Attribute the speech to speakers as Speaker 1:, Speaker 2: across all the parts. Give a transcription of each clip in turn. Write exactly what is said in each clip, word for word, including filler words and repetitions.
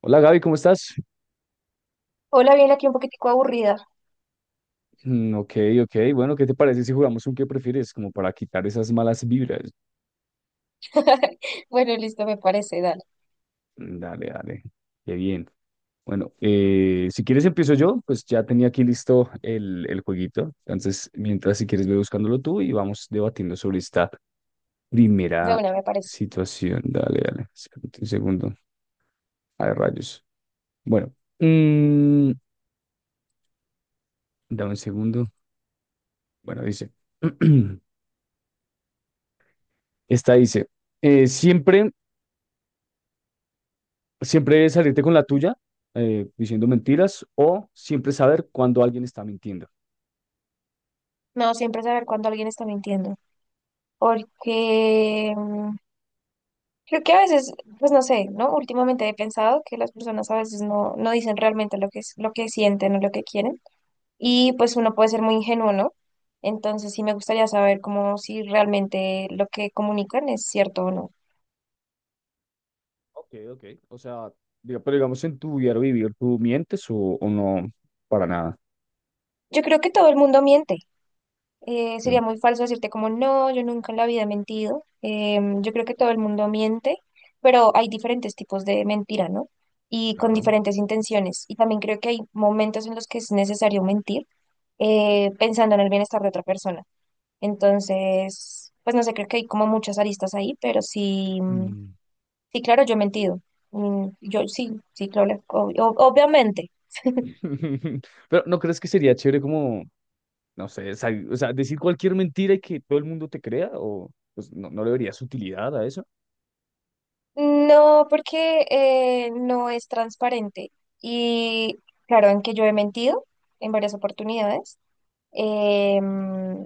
Speaker 1: Hola, Gaby, ¿cómo estás?
Speaker 2: Hola, bien, aquí un poquitico aburrida.
Speaker 1: Mm, ok, ok. Bueno, ¿qué te parece si jugamos un qué prefieres? Como para quitar esas malas vibras.
Speaker 2: Bueno, listo, me parece, dale.
Speaker 1: Mm, Dale, dale. Qué bien. Bueno, eh, si quieres empiezo yo, pues ya tenía aquí listo el, el jueguito. Entonces, mientras si quieres ve buscándolo tú y vamos debatiendo sobre esta
Speaker 2: De
Speaker 1: primera
Speaker 2: una, me parece.
Speaker 1: situación. Dale, dale. Espérate un segundo. Ay, rayos. Bueno, mm, dame un segundo. Bueno, dice. Esta dice, eh, siempre Siempre salirte con la tuya, eh, diciendo mentiras, o siempre saber cuando alguien está mintiendo.
Speaker 2: Me hago siempre saber cuando alguien está mintiendo. Porque mm, creo que a veces, pues no sé, ¿no? Últimamente he pensado que las personas a veces no, no dicen realmente lo que, es- lo que sienten o lo que quieren. Y pues uno puede ser muy ingenuo, ¿no? Entonces sí me gustaría saber cómo si realmente lo que comunican es cierto o no.
Speaker 1: Ok, ok. O sea, diga- pero digamos en tu diario vivir, ¿tú mientes o, o no? Para nada.
Speaker 2: Yo creo que todo el mundo miente. Eh,
Speaker 1: Mm.
Speaker 2: sería muy falso decirte como no, yo nunca en la vida he mentido. Em, yo creo que todo el mundo miente, pero hay diferentes tipos de mentira, ¿no? Y con
Speaker 1: Claro.
Speaker 2: diferentes intenciones. Y también creo que hay momentos en los que es necesario mentir, eh, pensando en el bienestar de otra persona. Entonces, pues no sé, creo que hay como muchas aristas ahí, pero sí, mm,
Speaker 1: Mm.
Speaker 2: sí, claro, yo he mentido. Mm, Yo sí, sí, claro, ob- ob- obviamente.
Speaker 1: Pero ¿no crees que sería chévere como, no sé, sal- o sea, decir cualquier mentira y que todo el mundo te crea? ¿O pues, no, no le verías utilidad a eso?
Speaker 2: No, porque eh, no es transparente. Y claro, en que yo he mentido en varias oportunidades, em,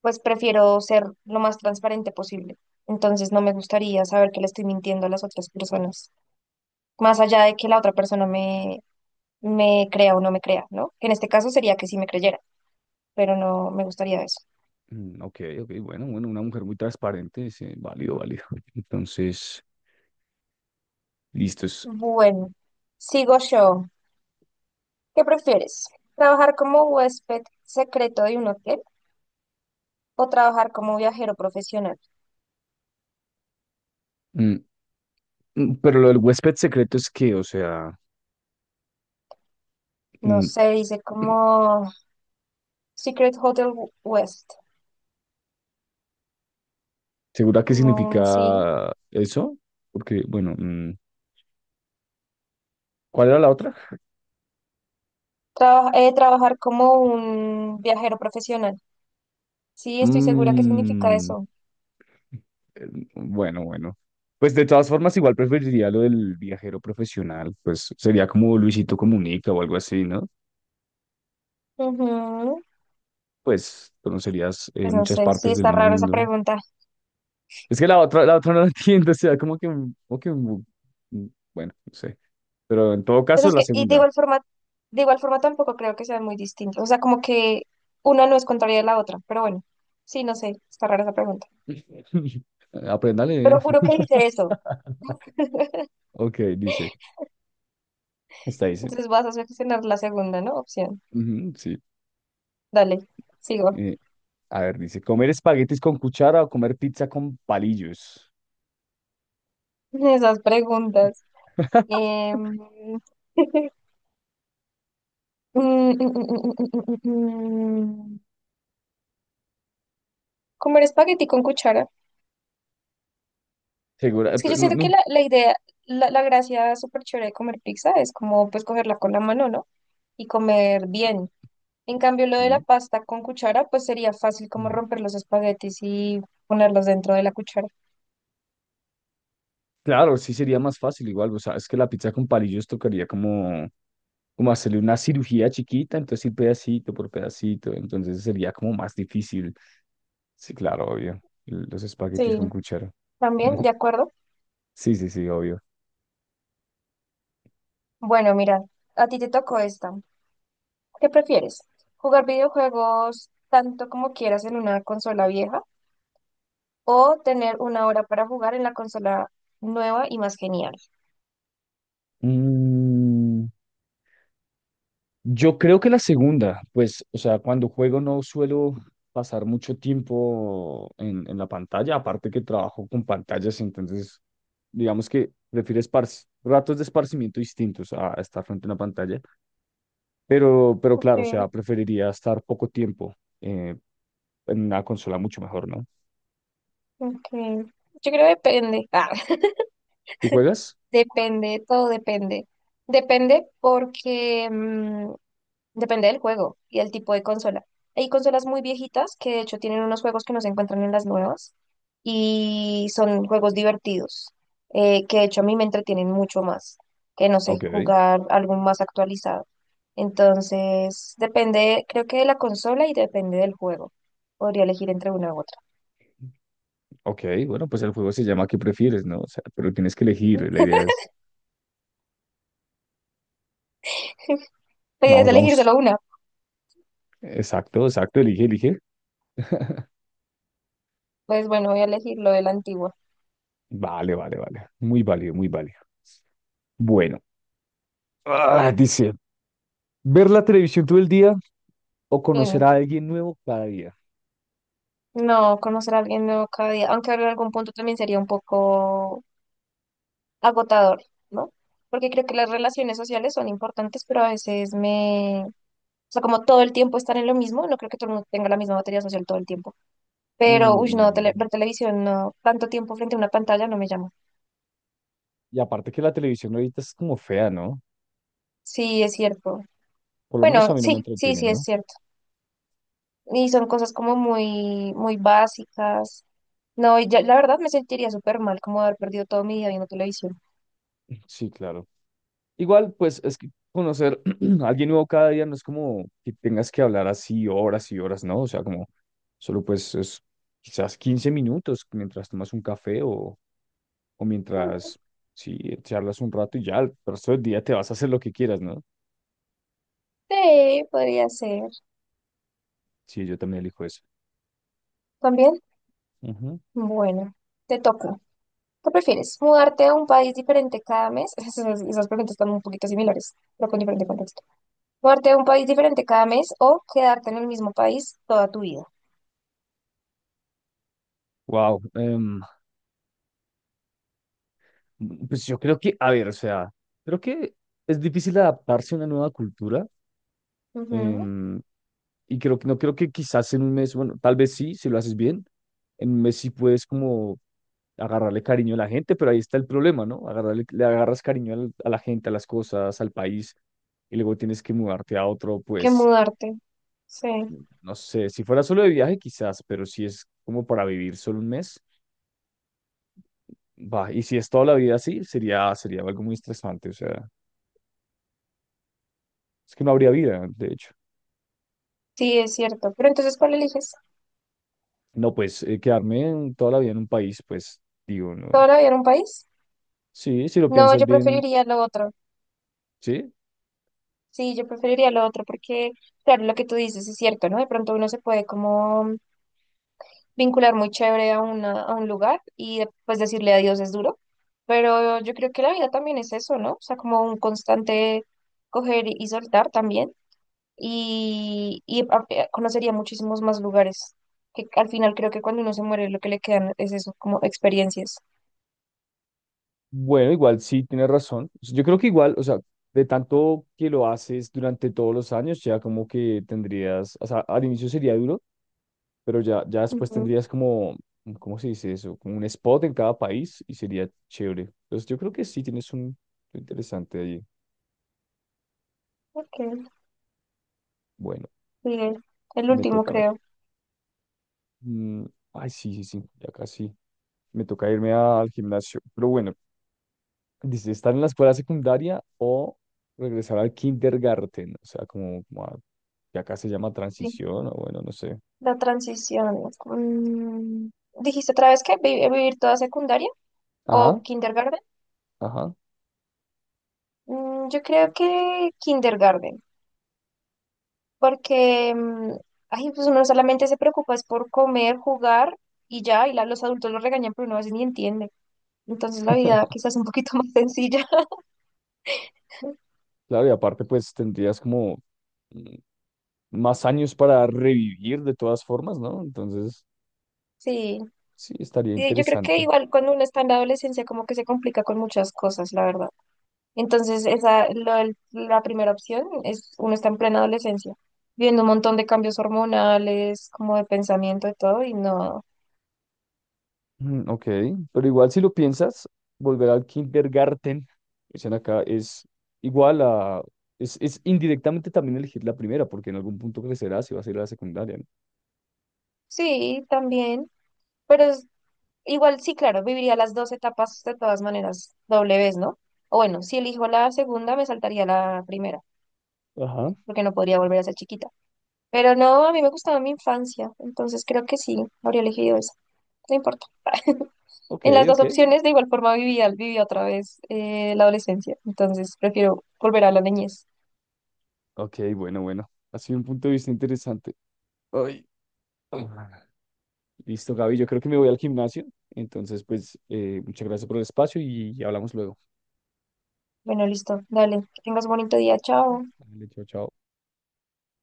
Speaker 2: pues prefiero ser lo más transparente posible. Entonces no me gustaría saber que le estoy mintiendo a las otras personas, más allá de que la otra persona me, me crea o no me crea, ¿no? Que en este caso sería que sí me creyera, pero no me gustaría eso.
Speaker 1: Mm, ok, ok, bueno, bueno, una mujer muy transparente, sí, válido, válido. Entonces, listos.
Speaker 2: Bueno, sigo yo. ¿Qué prefieres? ¿Trabajar como huésped secreto de un hotel o trabajar como viajero profesional?
Speaker 1: Mm, pero lo del huésped secreto es que, o sea,
Speaker 2: No
Speaker 1: mm,
Speaker 2: sé, dice como Secret Hotel West,
Speaker 1: ¿segura qué
Speaker 2: como un sí.
Speaker 1: significa eso? Porque, bueno, mm, ¿cuál era la otra?
Speaker 2: Traba- eh, trabajar como un viajero profesional. Sí, estoy segura que significa
Speaker 1: Mm,
Speaker 2: eso.
Speaker 1: eh, bueno, bueno. Pues de todas formas, igual preferiría lo del viajero profesional, pues sería como Luisito Comunica o algo así, ¿no?
Speaker 2: Ujú.
Speaker 1: Pues conocerías eh,
Speaker 2: Pues no
Speaker 1: muchas
Speaker 2: sé, sí
Speaker 1: partes del
Speaker 2: está raro esa
Speaker 1: mundo.
Speaker 2: pregunta.
Speaker 1: Es que la otra, la otra no la entiendo, o sea, como que, como que, mm, mm, bueno, no sé. Pero en todo
Speaker 2: Pues
Speaker 1: caso,
Speaker 2: es
Speaker 1: la
Speaker 2: que, y de
Speaker 1: segunda.
Speaker 2: igual forma, de igual forma tampoco creo que sean muy distintos. O sea, como que una no es contraria a la otra, pero bueno, sí, no sé, está rara esa pregunta.
Speaker 1: Aprenda a leer.
Speaker 2: Pero juro que hice eso.
Speaker 1: Ok, dice. Esta dice.
Speaker 2: Entonces vas a seleccionar la segunda, ¿no? Opción.
Speaker 1: Ujú, sí.
Speaker 2: Dale, sigo.
Speaker 1: eh, a ver, dice, ¿comer espaguetis con cuchara o comer pizza con palillos?
Speaker 2: Esas preguntas. Em, mm, mm, mm, mm, mm, mm. mm. mm. Comer espagueti con cuchara.
Speaker 1: Segura, eh,
Speaker 2: Es que
Speaker 1: pe-
Speaker 2: yo
Speaker 1: no,
Speaker 2: siento que
Speaker 1: no.
Speaker 2: la, la idea, la, la gracia súper chévere de comer pizza es como pues cogerla con la mano, ¿no? Y comer bien. En cambio, lo de la
Speaker 1: Sí.
Speaker 2: pasta con cuchara, pues sería fácil como
Speaker 1: Mm.
Speaker 2: romper los espaguetis y ponerlos dentro de la cuchara.
Speaker 1: Claro, sí sería más fácil igual. O sea, es que la pizza con palillos tocaría como, como hacerle una cirugía chiquita, entonces ir pedacito por pedacito. Entonces sería como más difícil. Sí, claro, obvio. Los espaguetis
Speaker 2: Sí,
Speaker 1: con cuchara.
Speaker 2: también, de acuerdo.
Speaker 1: Sí, sí, sí, obvio.
Speaker 2: Bueno, mira, a ti te tocó esta. ¿Qué prefieres? ¿Jugar videojuegos tanto como quieras en una consola vieja o tener una hora para jugar en la consola nueva y más genial?
Speaker 1: Mm, yo creo que la segunda, pues, o sea, cuando juego no suelo pasar mucho tiempo en, en la pantalla, aparte que trabajo con pantallas, entonces, digamos que prefiero esparci- ratos de esparcimiento distintos a estar frente a una pantalla, pero, pero claro, o
Speaker 2: Okay,
Speaker 1: sea, preferiría estar poco tiempo eh, en una consola mucho mejor, ¿no?
Speaker 2: okay. Yo creo que depende. Ah,
Speaker 1: ¿Tú juegas?
Speaker 2: depende, todo depende. Depende porque Depende del juego y el tipo de consola. Hay consolas muy viejitas que de hecho tienen unos juegos que no se encuentran en las nuevas y son juegos divertidos, eh, que de hecho a mí me entretienen mucho más que, no sé,
Speaker 1: Ok,
Speaker 2: jugar algo más actualizado. Entonces, depende, creo que de la consola y depende del juego. Podría elegir entre una u otra.
Speaker 1: ok, bueno, pues el juego se llama ¿Qué prefieres, no? O sea, pero tienes que elegir, la idea es,
Speaker 2: Podrías
Speaker 1: vamos,
Speaker 2: elegir
Speaker 1: vamos,
Speaker 2: solo una.
Speaker 1: exacto, exacto, elige, elige.
Speaker 2: Pues bueno, voy a elegir lo de la antigua.
Speaker 1: Vale, vale, vale. Muy válido, muy válido. Bueno, ah, dice, ver la televisión todo el día o conocer
Speaker 2: Bueno,
Speaker 1: a alguien nuevo cada día.
Speaker 2: no, no, conocer a alguien nuevo cada día, aunque en algún punto también sería un poco agotador, ¿no? Porque creo que las relaciones sociales son importantes, pero a veces me... O sea, como todo el tiempo estar en lo mismo, no creo que todo el mundo tenga la misma batería social todo el tiempo. Pero, uy, no, tele-
Speaker 1: Mm,
Speaker 2: ver televisión, no, tanto tiempo frente a una pantalla no me llama.
Speaker 1: y aparte que la televisión ahorita es como fea, ¿no?
Speaker 2: Sí, es cierto.
Speaker 1: Por lo menos
Speaker 2: Bueno,
Speaker 1: a mí no me
Speaker 2: sí, sí,
Speaker 1: entretiene,
Speaker 2: sí, es
Speaker 1: ¿no?
Speaker 2: cierto. Y son cosas como muy, muy básicas. No, y ya, la verdad me sentiría súper mal como haber perdido todo mi día viendo televisión.
Speaker 1: Sí, claro. Igual, pues es que conocer a alguien nuevo cada día no es como que tengas que hablar así horas y horas, ¿no? O sea, como solo pues es quizás quince minutos mientras tomas un café o, o
Speaker 2: Mm,
Speaker 1: mientras, sí, charlas un rato y ya el resto del día te vas a hacer lo que quieras, ¿no?
Speaker 2: Sí, podría ser.
Speaker 1: Sí, yo también elijo eso.
Speaker 2: ¿También? Bueno, te toca. ¿Qué prefieres? ¿Mudarte a un país diferente cada mes? Esas, esas preguntas están un poquito similares, pero con diferente contexto. ¿Mudarte a un país diferente cada mes o quedarte en el mismo país toda tu vida?
Speaker 1: Wow. Pues yo creo que, a ver, o sea, creo que es difícil adaptarse a una nueva cultura.
Speaker 2: Ujú.
Speaker 1: em, y creo que no creo que quizás en un mes, bueno, tal vez sí, si lo haces bien, en un mes sí puedes como agarrarle cariño a la gente, pero ahí está el problema, ¿no? Agarrarle, le agarras cariño al- a la gente, a las cosas, al país, y luego tienes que mudarte a otro,
Speaker 2: Que
Speaker 1: pues,
Speaker 2: mudarte. Sí,
Speaker 1: no sé, si fuera solo de viaje quizás, pero si es como para vivir solo un mes. Va, y si es toda la vida así, sería, sería algo muy estresante, o sea, es que no habría vida, de hecho.
Speaker 2: sí, es cierto. Pero entonces, ¿cuál eliges?
Speaker 1: No, pues eh, quedarme en- toda la vida en un país, pues digo, no.
Speaker 2: ¿Toda la vida en un país?
Speaker 1: Sí, si lo
Speaker 2: No,
Speaker 1: piensas
Speaker 2: yo
Speaker 1: bien,
Speaker 2: preferiría lo otro.
Speaker 1: sí.
Speaker 2: Sí, yo preferiría lo otro porque, claro, lo que tú dices es cierto, ¿no? De pronto uno se puede como vincular muy chévere a, una, a un lugar y de- pues decirle adiós es duro, pero yo creo que la vida también es eso, ¿no? O sea, como un constante coger y soltar también y, y a- eh, conocería muchísimos más lugares, que al final creo que cuando uno se muere lo que le quedan es eso, como experiencias.
Speaker 1: Bueno, igual sí, tienes razón. Pues, yo creo que igual, o sea, de tanto que lo haces durante todos los años, ya como que tendrías, o sea, al inicio sería duro, pero ya, ya después
Speaker 2: Ujú.
Speaker 1: tendrías como, ¿cómo se dice eso? Como un spot en cada país y sería chévere. Entonces yo creo que sí, tienes un lo interesante allí.
Speaker 2: Ok,
Speaker 1: Bueno,
Speaker 2: sigue. El
Speaker 1: me
Speaker 2: último
Speaker 1: toca, me toca.
Speaker 2: creo.
Speaker 1: Mm, ay, sí, sí, sí, ya casi. Me toca irme a- al gimnasio. Pero bueno, dice, estar en la escuela secundaria o regresar al kindergarten. O sea, como, como a- que acá se llama
Speaker 2: Sí.
Speaker 1: transición, o bueno, no sé.
Speaker 2: La transición. Mm, ¿dijiste otra vez que vi- vivir toda secundaria o
Speaker 1: Ajá,
Speaker 2: kindergarten?
Speaker 1: ajá.
Speaker 2: Mm, yo creo que kindergarten. Porque mm, ay, pues uno solamente se preocupa es por comer, jugar y ya, y la- los adultos lo regañan, pero uno a veces ni entiende. Entonces la vida quizás un poquito más sencilla.
Speaker 1: Claro, y aparte, pues tendrías como mm, más años para revivir de todas formas, ¿no? Entonces,
Speaker 2: Sí,
Speaker 1: sí, estaría
Speaker 2: sí, yo creo que
Speaker 1: interesante.
Speaker 2: igual cuando uno está en la adolescencia como que se complica con muchas cosas, la verdad. Entonces esa, lo del- la primera opción es uno está en plena adolescencia, viendo un montón de cambios hormonales, como de pensamiento y todo, y no,
Speaker 1: Mm, ok, pero igual si lo piensas, volver al kindergarten, dicen acá, es igual a, es, es indirectamente también elegir la primera, porque en algún punto crecerá si vas a ir a la secundaria,
Speaker 2: sí, también. Pero igual, sí, claro, viviría las dos etapas de todas maneras, doble vez, ¿no? O bueno, si elijo la segunda, me saltaría la primera,
Speaker 1: ¿no? Ajá,
Speaker 2: porque no podría volver a ser chiquita. Pero no, a mí me gustaba mi infancia, entonces creo que sí, habría elegido esa. No importa.
Speaker 1: ok,
Speaker 2: En las dos
Speaker 1: ok,
Speaker 2: opciones, de igual forma, viví, al- viví otra vez eh, la adolescencia, entonces prefiero volver a la niñez.
Speaker 1: ok, bueno, bueno, ha sido un punto de vista interesante. Ay, ah. Listo, Gaby, yo creo que me voy al gimnasio, entonces pues eh, muchas gracias por el espacio y hablamos luego.
Speaker 2: Bueno, listo, dale, que tengas un bonito día, chao.
Speaker 1: Vale, chao, chao.